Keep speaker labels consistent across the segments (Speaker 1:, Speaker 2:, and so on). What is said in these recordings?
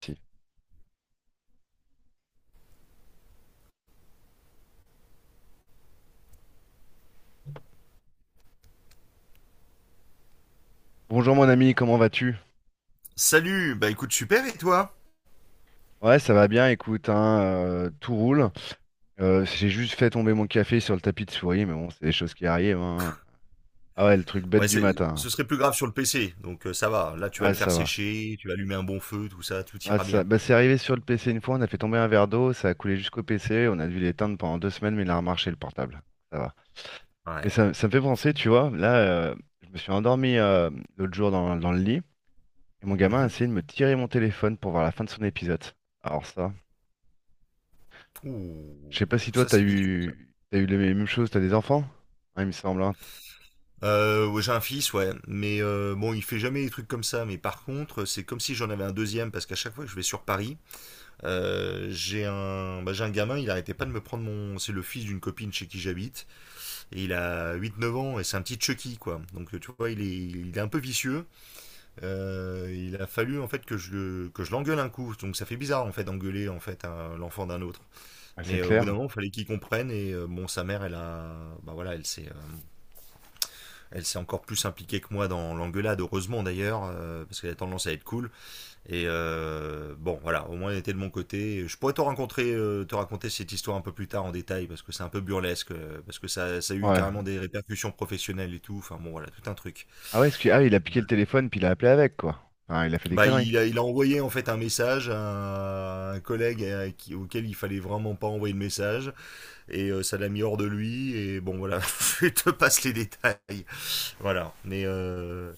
Speaker 1: Si. Bonjour mon ami, comment vas-tu?
Speaker 2: Salut, bah écoute, super, et toi?
Speaker 1: Ouais, ça va bien, écoute, hein, tout roule. J'ai juste fait tomber mon café sur le tapis de souris, mais bon, c'est des choses qui arrivent, hein. Ah ouais, le truc bête
Speaker 2: Ouais,
Speaker 1: du matin.
Speaker 2: ce serait plus grave sur le PC, donc ça va. Là, tu vas
Speaker 1: Ouais,
Speaker 2: le faire
Speaker 1: ça va.
Speaker 2: sécher, tu vas allumer un bon feu, tout ça, tout
Speaker 1: Ah,
Speaker 2: ira
Speaker 1: ça.
Speaker 2: bien.
Speaker 1: Bah, c'est arrivé sur le PC une fois, on a fait tomber un verre d'eau, ça a coulé jusqu'au PC, on a dû l'éteindre pendant 2 semaines, mais il a remarché le portable. Ça va. Mais
Speaker 2: Ouais.
Speaker 1: ça me fait penser, tu vois, là, je me suis endormi, l'autre jour dans le lit, et mon gamin a
Speaker 2: Mhm.
Speaker 1: essayé de me tirer mon téléphone pour voir la fin de son épisode. Alors ça. Je
Speaker 2: Ouh,
Speaker 1: sais pas si toi,
Speaker 2: ça
Speaker 1: t'as
Speaker 2: c'est vicieux, ça.
Speaker 1: eu, t'as eu les mêmes choses, t'as des enfants? Ouais, il me semble, hein.
Speaker 2: Ouais, j'ai un fils, ouais, mais bon, il fait jamais des trucs comme ça. Mais par contre, c'est comme si j'en avais un deuxième, parce qu'à chaque fois que je vais sur Paris, j'ai un gamin, il arrêtait pas de me prendre mon, c'est le fils d'une copine chez qui j'habite, et il a 8, 9 ans, et c'est un petit Chucky, quoi. Donc tu vois, il est un peu vicieux. Il a fallu en fait que je l'engueule un coup, donc ça fait bizarre en fait d'engueuler en fait l'enfant d'un autre.
Speaker 1: Ouais, c'est
Speaker 2: Mais au bout d'un
Speaker 1: clair.
Speaker 2: moment, il fallait qu'il comprenne et bon, sa mère, elle a, bah voilà, elle s'est encore plus impliquée que moi dans l'engueulade, heureusement d'ailleurs, parce qu'elle a tendance à être cool. Et bon, voilà, au moins elle était de mon côté. Je pourrais te raconter cette histoire un peu plus tard en détail parce que c'est un peu burlesque, parce que ça a eu
Speaker 1: Ouais.
Speaker 2: carrément des répercussions professionnelles et tout. Enfin bon, voilà, tout un truc.
Speaker 1: Ah ouais, ah, oui, il a piqué le téléphone, puis il a appelé avec, quoi. Enfin, il a fait des
Speaker 2: Bah,
Speaker 1: conneries.
Speaker 2: il a envoyé en fait un message à un collègue auquel il fallait vraiment pas envoyer le message et ça l'a mis hors de lui et bon voilà, je te passe les détails. Voilà, mais euh,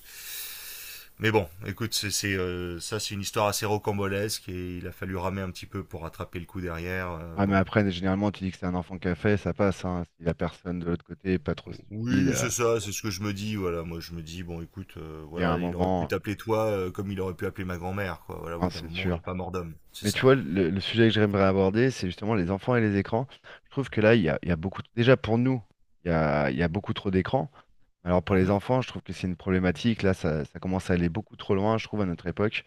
Speaker 2: mais bon, écoute, ça c'est une histoire assez rocambolesque et il a fallu ramer un petit peu pour rattraper le coup derrière.
Speaker 1: Ah mais
Speaker 2: Bon.
Speaker 1: après, généralement, tu dis que c'est un enfant qui a fait, ça passe, hein. Si la personne de l'autre côté est pas trop stupide,
Speaker 2: Oui, c'est ça, c'est ce que je me dis. Voilà, moi je me dis bon, écoute,
Speaker 1: il y a un
Speaker 2: voilà, il aurait pu
Speaker 1: moment,
Speaker 2: t'appeler toi comme il aurait pu appeler ma grand-mère, quoi. Voilà, au
Speaker 1: hein,
Speaker 2: bout d'un
Speaker 1: c'est
Speaker 2: moment, il n'y
Speaker 1: sûr.
Speaker 2: a pas mort d'homme, c'est
Speaker 1: Mais tu
Speaker 2: ça.
Speaker 1: vois, le sujet que j'aimerais aborder, c'est justement les enfants et les écrans. Je trouve que là, il y a beaucoup, déjà pour nous, il y a beaucoup trop d'écrans. Alors pour les
Speaker 2: Mhm,
Speaker 1: enfants, je trouve que c'est une problématique. Là, ça commence à aller beaucoup trop loin, je trouve, à notre époque.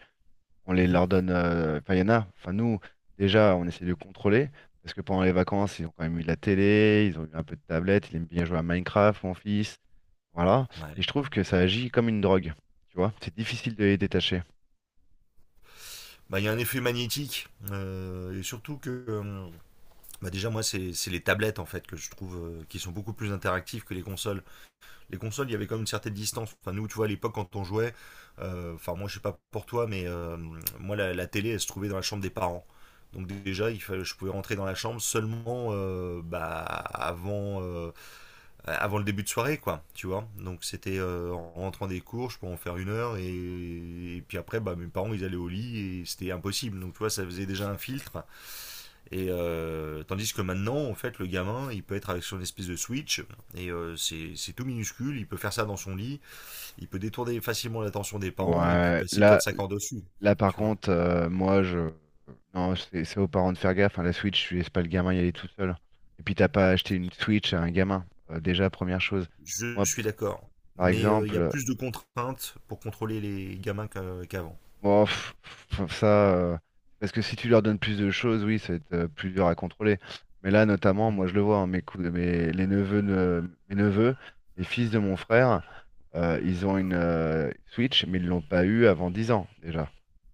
Speaker 1: On les
Speaker 2: mhm.
Speaker 1: leur donne. Enfin, il y en a. Enfin, nous, déjà, on essaie de contrôler. Parce que pendant les vacances, ils ont quand même eu de la télé, ils ont eu un peu de tablette, ils aiment bien jouer à Minecraft, mon fils. Voilà. Et je
Speaker 2: Ouais.
Speaker 1: trouve que ça agit comme une drogue. Tu vois, c'est difficile de les détacher.
Speaker 2: Bah, il y a un effet magnétique et surtout que bah, déjà moi c'est les tablettes en fait que je trouve qui sont beaucoup plus interactives que les consoles. Les consoles il y avait quand même une certaine distance. Enfin nous tu vois à l'époque quand on jouait, enfin moi je sais pas pour toi mais moi la télé elle se trouvait dans la chambre des parents. Donc déjà il fallait, je pouvais rentrer dans la chambre seulement bah, avant le début de soirée, quoi, tu vois. Donc c'était en rentrant des cours, je pouvais en faire une heure, et puis après, bah, mes parents, ils allaient au lit, et c'était impossible. Donc tu vois, ça faisait déjà un filtre. Et tandis que maintenant, en fait, le gamin, il peut être avec son espèce de switch, et c'est tout minuscule, il peut faire ça dans son lit, il peut détourner facilement l'attention des parents, et puis
Speaker 1: Ouais,
Speaker 2: passer quatre
Speaker 1: là,
Speaker 2: cinq heures dessus,
Speaker 1: là par
Speaker 2: tu vois.
Speaker 1: contre, moi, je. Non, c'est aux parents de faire gaffe, hein. La Switch, tu laisses pas le gamin y aller tout seul. Et puis, t'as pas acheté une Switch à un gamin. Déjà, première chose.
Speaker 2: Je
Speaker 1: Moi,
Speaker 2: suis d'accord.
Speaker 1: par
Speaker 2: Mais il y a
Speaker 1: exemple.
Speaker 2: plus de contraintes pour contrôler les gamins qu'avant.
Speaker 1: Bon, pff, ça, euh, parce que si tu leur donnes plus de choses, oui, ça va être plus dur à contrôler. Mais là, notamment, moi,
Speaker 2: Mm,
Speaker 1: je le vois, hein, les neveux, mes neveux, les fils de mon frère, ils ont une Switch, mais ils l'ont pas eu avant 10 ans déjà,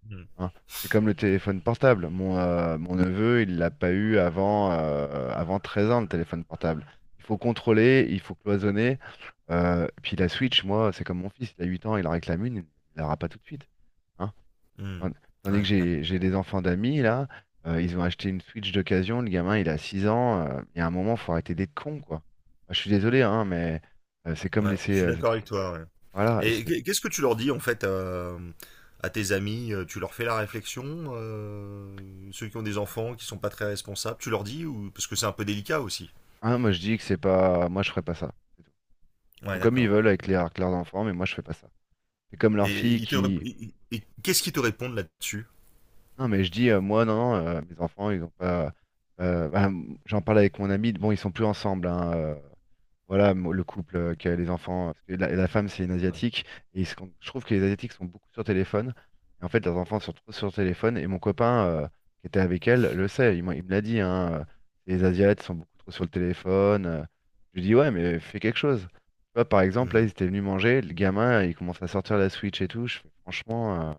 Speaker 2: mm,
Speaker 1: hein. C'est comme le téléphone portable. Mon neveu, il l'a pas eu avant, avant 13 ans, le téléphone portable. Il faut contrôler, il faut cloisonner. Puis la Switch, moi, c'est comme mon fils, il a 8 ans, il en réclame une, il l'aura pas tout de suite, hein.
Speaker 2: mm.
Speaker 1: Tand- Tandis
Speaker 2: Ouais,
Speaker 1: que
Speaker 2: ouais.
Speaker 1: j'ai des enfants d'amis, là, ils ont acheté une Switch d'occasion, le gamin, il a 6 ans, il y a un moment, faut arrêter d'être con, quoi. Moi, je suis désolé, hein, mais c'est comme
Speaker 2: Ouais, je
Speaker 1: laisser.
Speaker 2: suis d'accord avec toi. Ouais.
Speaker 1: Voilà, et
Speaker 2: Et
Speaker 1: c'est.
Speaker 2: qu'est-ce que tu leur dis en fait à tes amis tu leur fais la réflexion ceux qui ont des enfants, qui sont pas très responsables, tu leur dis ou parce que c'est un peu délicat aussi.
Speaker 1: Hein, moi, je dis que c'est pas. Moi, je ferais pas ça, c'est tout. Ils
Speaker 2: Ouais,
Speaker 1: font comme ils
Speaker 2: d'accord.
Speaker 1: veulent avec
Speaker 2: Ok.
Speaker 1: leurs enfants, mais moi, je fais pas ça. C'est comme leur
Speaker 2: Et,
Speaker 1: fille
Speaker 2: ils te rép-
Speaker 1: qui.
Speaker 2: ils- ils- qu'est-ce qu'ils te répondent là-dessus?
Speaker 1: Non, mais je dis, moi, non, non, mes enfants, ils ont pas. Bah, j'en parle avec mon ami, bon, ils sont plus ensemble, hein. Voilà, le couple, qui a les enfants. Parce que la femme, c'est une
Speaker 2: Ouais.
Speaker 1: Asiatique. Et je trouve que les Asiatiques sont beaucoup sur téléphone. Et en fait, leurs enfants sont trop sur téléphone. Et mon copain, qui était avec elle, le sait. Il me l'a dit, hein. Les Asiates sont beaucoup trop sur le téléphone. Je lui dis, ouais, mais fais quelque chose. Tu vois, par exemple, là,
Speaker 2: Hmm,
Speaker 1: ils étaient venus manger. Le gamin, il commence à sortir la Switch et tout. Je fais, franchement,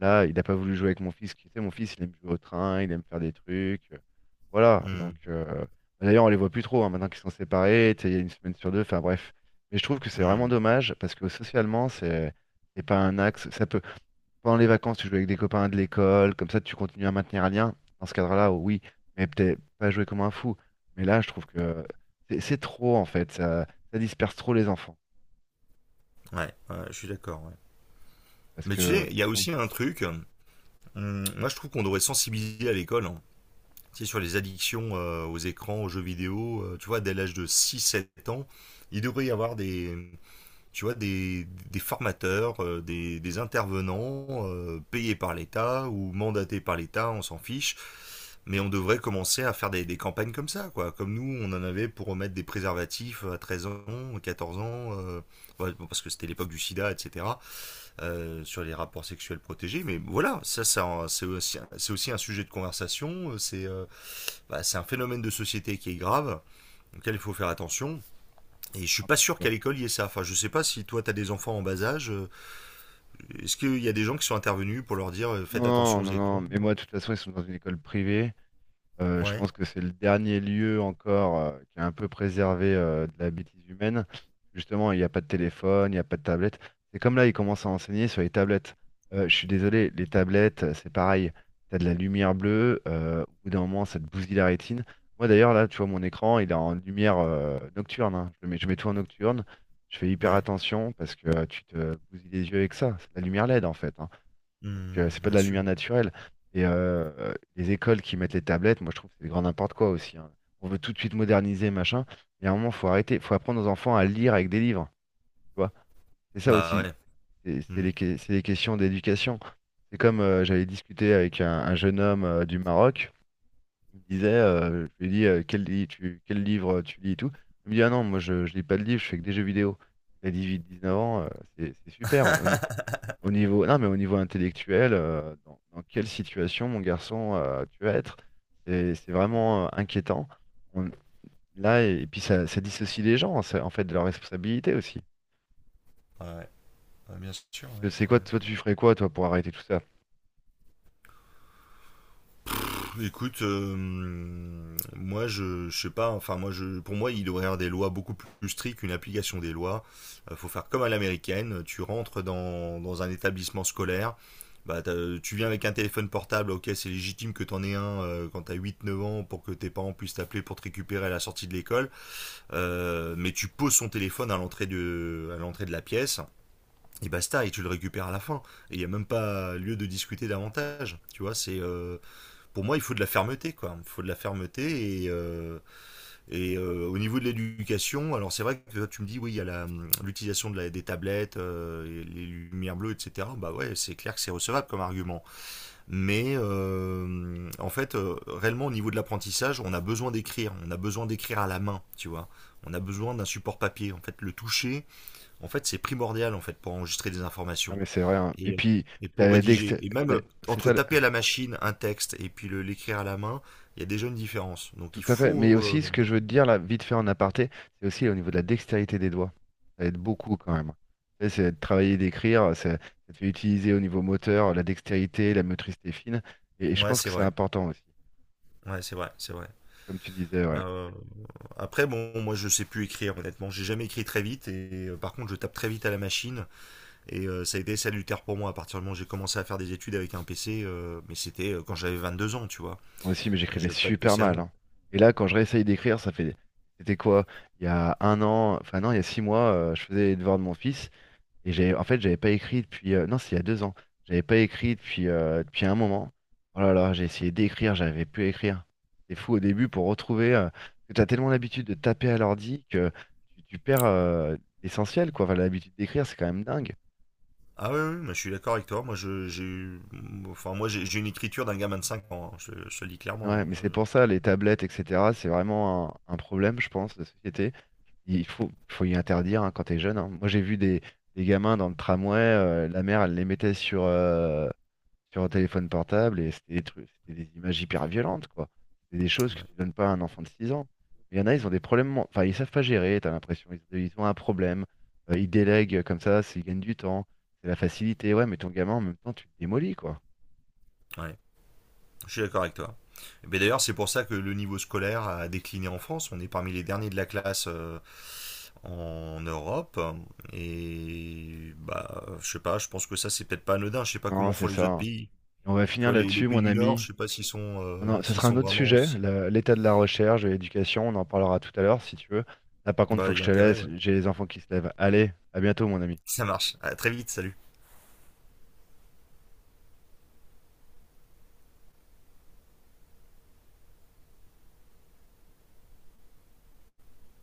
Speaker 1: là, il n'a pas voulu jouer avec mon fils. Tu sais, mon fils, il aime jouer au train, il aime faire des trucs. Voilà.
Speaker 2: hmm,
Speaker 1: Donc. D'ailleurs, on les voit plus trop, hein, maintenant qu'ils sont séparés, tu sais. Il y a une semaine sur deux. Enfin bref. Mais je trouve que c'est vraiment
Speaker 2: hmm.
Speaker 1: dommage parce que socialement, c'est pas un axe. Ça peut pendant les vacances, tu joues avec des copains de l'école, comme ça, tu continues à maintenir un lien. Dans ce cadre-là, oui, mais peut-être pas jouer comme un fou. Mais là, je trouve que c'est trop en fait. Ça disperse trop les enfants
Speaker 2: Ouais, ouais, je suis d'accord. Ouais.
Speaker 1: parce
Speaker 2: Mais tu
Speaker 1: que
Speaker 2: sais, il y a
Speaker 1: oui,
Speaker 2: aussi un truc. Moi, je trouve qu'on devrait sensibiliser à l'école, hein. Sais, sur les addictions aux écrans, aux jeux vidéo, tu vois, dès l'âge de six sept ans, il devrait y avoir des, tu vois, des, formateurs, des intervenants payés par l'État ou mandatés par l'État, on s'en fiche, mais on devrait commencer à faire des campagnes comme ça, quoi. Comme nous, on en avait pour remettre des préservatifs à 13 ans, 14 ans, ouais, bon, parce que c'était l'époque du sida, etc., sur les rapports sexuels protégés, mais voilà, ça c'est aussi un sujet de conversation, c'est bah, c'est un phénomène de société qui est grave, auquel il faut faire attention. Et je ne suis pas sûr
Speaker 1: tu
Speaker 2: qu'à
Speaker 1: vois.
Speaker 2: l'école il y ait ça. Enfin, je ne sais pas si toi tu as des enfants en bas âge. Est-ce qu'il y a des gens qui sont intervenus pour leur dire faites attention
Speaker 1: Non, non,
Speaker 2: aux
Speaker 1: non. Non,
Speaker 2: écrans
Speaker 1: mais
Speaker 2: euh
Speaker 1: moi, de toute façon, ils sont dans une école privée. Je
Speaker 2: Ouais,
Speaker 1: pense que c'est le dernier lieu encore, qui est un peu préservé, de la bêtise humaine. Justement, il n'y a pas de téléphone, il n'y a pas de tablette. C'est comme là, ils commencent à enseigner sur les tablettes. Je suis désolé, les tablettes, c'est pareil. Tu as de la lumière bleue, au bout d'un moment, ça te bousille la rétine. Moi d'ailleurs, là, tu vois, mon écran, il est en lumière, nocturne, hein. Je mets tout en nocturne. Je fais hyper
Speaker 2: ouais.
Speaker 1: attention parce que, tu te bousilles les yeux avec ça. C'est de la lumière LED en fait, hein. Donc, c'est
Speaker 2: Hmm,
Speaker 1: pas de
Speaker 2: bien
Speaker 1: la
Speaker 2: sûr.
Speaker 1: lumière naturelle. Et les écoles qui mettent les tablettes, moi, je trouve que c'est grand n'importe quoi aussi, hein. On veut tout de suite moderniser, machin. Mais à un moment, faut arrêter, faut apprendre aux enfants à lire avec des livres. Tu vois? C'est ça
Speaker 2: Bah
Speaker 1: aussi.
Speaker 2: ouais.
Speaker 1: C'est
Speaker 2: Hmm.
Speaker 1: c'est les questions d'éducation. C'est comme, j'avais discuté avec un jeune homme, du Maroc. Il me disait, je lui ai dit, quel livre, tu lis et tout. Il me dit, ah non, moi, je lis pas de livre, je fais que des jeux vidéo. Il a 18, 19 ans, c'est super. Au niveau, non, mais au niveau intellectuel, dans quelle situation, mon garçon, tu vas être? C'est vraiment, inquiétant. On- Là, et puis ça dissocie les gens, en fait, de leur responsabilité aussi.
Speaker 2: Ouais, ouais, bien sûr,
Speaker 1: Je sais
Speaker 2: ouais.
Speaker 1: quoi,
Speaker 2: Ouais.
Speaker 1: toi, tu ferais quoi, toi, pour arrêter tout ça?
Speaker 2: Écoute, moi je sais pas, enfin moi je, pour moi il devrait y avoir des lois beaucoup plus strictes, une application des lois. Faut faire comme à l'américaine, tu rentres dans un établissement scolaire, bah, tu viens avec un téléphone portable, ok c'est légitime que t'en aies un quand t'as 8, 9 ans pour que tes parents puissent t'appeler pour te récupérer à la sortie de l'école. Mais tu poses son téléphone à l'entrée de la pièce. Et basta, et tu le récupères à la fin. Et il n'y a même pas lieu de discuter davantage. Tu vois, c'est pour moi, il faut de la fermeté, quoi. Il faut de la fermeté et au niveau de l'éducation, alors c'est vrai que tu me dis oui, il y a l'utilisation de des tablettes, et les lumières bleues, etc. Bah ouais, c'est clair que c'est recevable comme argument. Mais en fait, réellement au niveau de l'apprentissage, on a besoin d'écrire, on a besoin d'écrire à la main, tu vois. On a besoin d'un support papier. En fait, le toucher, en fait, c'est primordial en fait pour enregistrer des
Speaker 1: Non,
Speaker 2: informations
Speaker 1: mais c'est vrai, hein. Et
Speaker 2: et, euh,
Speaker 1: puis,
Speaker 2: et
Speaker 1: t'as
Speaker 2: pour
Speaker 1: la
Speaker 2: rédiger.
Speaker 1: dexté-
Speaker 2: Et même
Speaker 1: la- c'est
Speaker 2: entre
Speaker 1: ça.
Speaker 2: taper à la machine un texte et puis l'écrire à la main, il y a déjà une différence. Donc
Speaker 1: Tout
Speaker 2: il
Speaker 1: à fait. Mais
Speaker 2: faut.
Speaker 1: aussi, ce que je veux te dire, là, vite fait en aparté, c'est aussi au niveau de la dextérité des doigts. Ça aide beaucoup quand même. Tu sais, c'est de travailler, d'écrire, ça te fait utiliser au niveau moteur la dextérité, la motricité fine. Et je
Speaker 2: Ouais,
Speaker 1: pense que
Speaker 2: c'est
Speaker 1: c'est
Speaker 2: vrai.
Speaker 1: important aussi.
Speaker 2: Ouais, c'est vrai, c'est vrai.
Speaker 1: Comme tu disais, ouais.
Speaker 2: Bah, après, bon, moi je sais plus écrire, honnêtement. J'ai jamais écrit très vite et par contre, je tape très vite à la machine et ça a été salutaire pour moi à partir du moment où j'ai commencé à faire des études avec un PC, mais c'était quand j'avais 22 ans, tu vois.
Speaker 1: Moi aussi, mais j'écrivais
Speaker 2: J'avais pas de
Speaker 1: super
Speaker 2: PC
Speaker 1: mal,
Speaker 2: avant.
Speaker 1: hein. Et là, quand je réessaye d'écrire, ça fait. C'était quoi? Il y a 1 an, enfin non, il y a 6 mois, je faisais les devoirs de mon fils. Et j'ai, en fait, j'avais pas écrit depuis. Non, c'est il y a 2 ans. J'avais pas écrit depuis un moment. Oh là là, j'ai essayé d'écrire, j'avais pu écrire. C'est fou au début pour retrouver, que t'as tellement l'habitude de taper à l'ordi que tu perds, l'essentiel, quoi. Enfin, l'habitude d'écrire, c'est quand même dingue.
Speaker 2: Ah oui, oui, mais je suis d'accord avec toi. Moi, je, j'ai, eu- enfin, moi, j'ai une écriture d'un gamin de 5 ans, hein. Je le dis clairement,
Speaker 1: Ouais,
Speaker 2: hein.
Speaker 1: mais c'est pour ça, les tablettes, etc., c'est vraiment un problème, je pense, de société. Il faut y interdire, hein, quand t'es jeune, hein. Moi, j'ai vu des gamins dans le tramway, la mère, elle les mettait sur un téléphone portable et c'était des trucs, c'était des images hyper violentes, quoi. C'est des choses que
Speaker 2: Ouais.
Speaker 1: tu donnes pas à un enfant de 6 ans. Il y en a, ils ont des problèmes, enfin, ils savent pas gérer, t'as l'impression, ils ont un problème, ils délèguent comme ça, ils gagnent du temps, c'est la facilité. Ouais, mais ton gamin, en même temps, tu le démolis, quoi.
Speaker 2: Ouais, je suis d'accord avec toi. Mais d'ailleurs, c'est pour ça que le niveau scolaire a décliné en France. On est parmi les derniers de la classe en Europe. Et bah, je sais pas, je pense que ça, c'est peut-être pas anodin. Je sais pas
Speaker 1: Non,
Speaker 2: comment font
Speaker 1: c'est
Speaker 2: les autres
Speaker 1: ça.
Speaker 2: pays.
Speaker 1: Et on va
Speaker 2: Tu
Speaker 1: finir
Speaker 2: vois, les
Speaker 1: là-dessus,
Speaker 2: pays
Speaker 1: mon
Speaker 2: du Nord,
Speaker 1: ami.
Speaker 2: je sais pas s'ils sont, euh,
Speaker 1: Ça
Speaker 2: s'ils
Speaker 1: sera un
Speaker 2: sont
Speaker 1: autre
Speaker 2: vraiment
Speaker 1: sujet,
Speaker 2: aussi.
Speaker 1: l'état de la recherche, de l'éducation, on en parlera tout à l'heure, si tu veux. Là, par contre, faut
Speaker 2: Bah,
Speaker 1: que
Speaker 2: il y
Speaker 1: je
Speaker 2: a
Speaker 1: te
Speaker 2: intérêt,
Speaker 1: laisse,
Speaker 2: ouais.
Speaker 1: j'ai les enfants qui se lèvent. Allez, à bientôt, mon ami.
Speaker 2: Ça marche. À très vite, salut.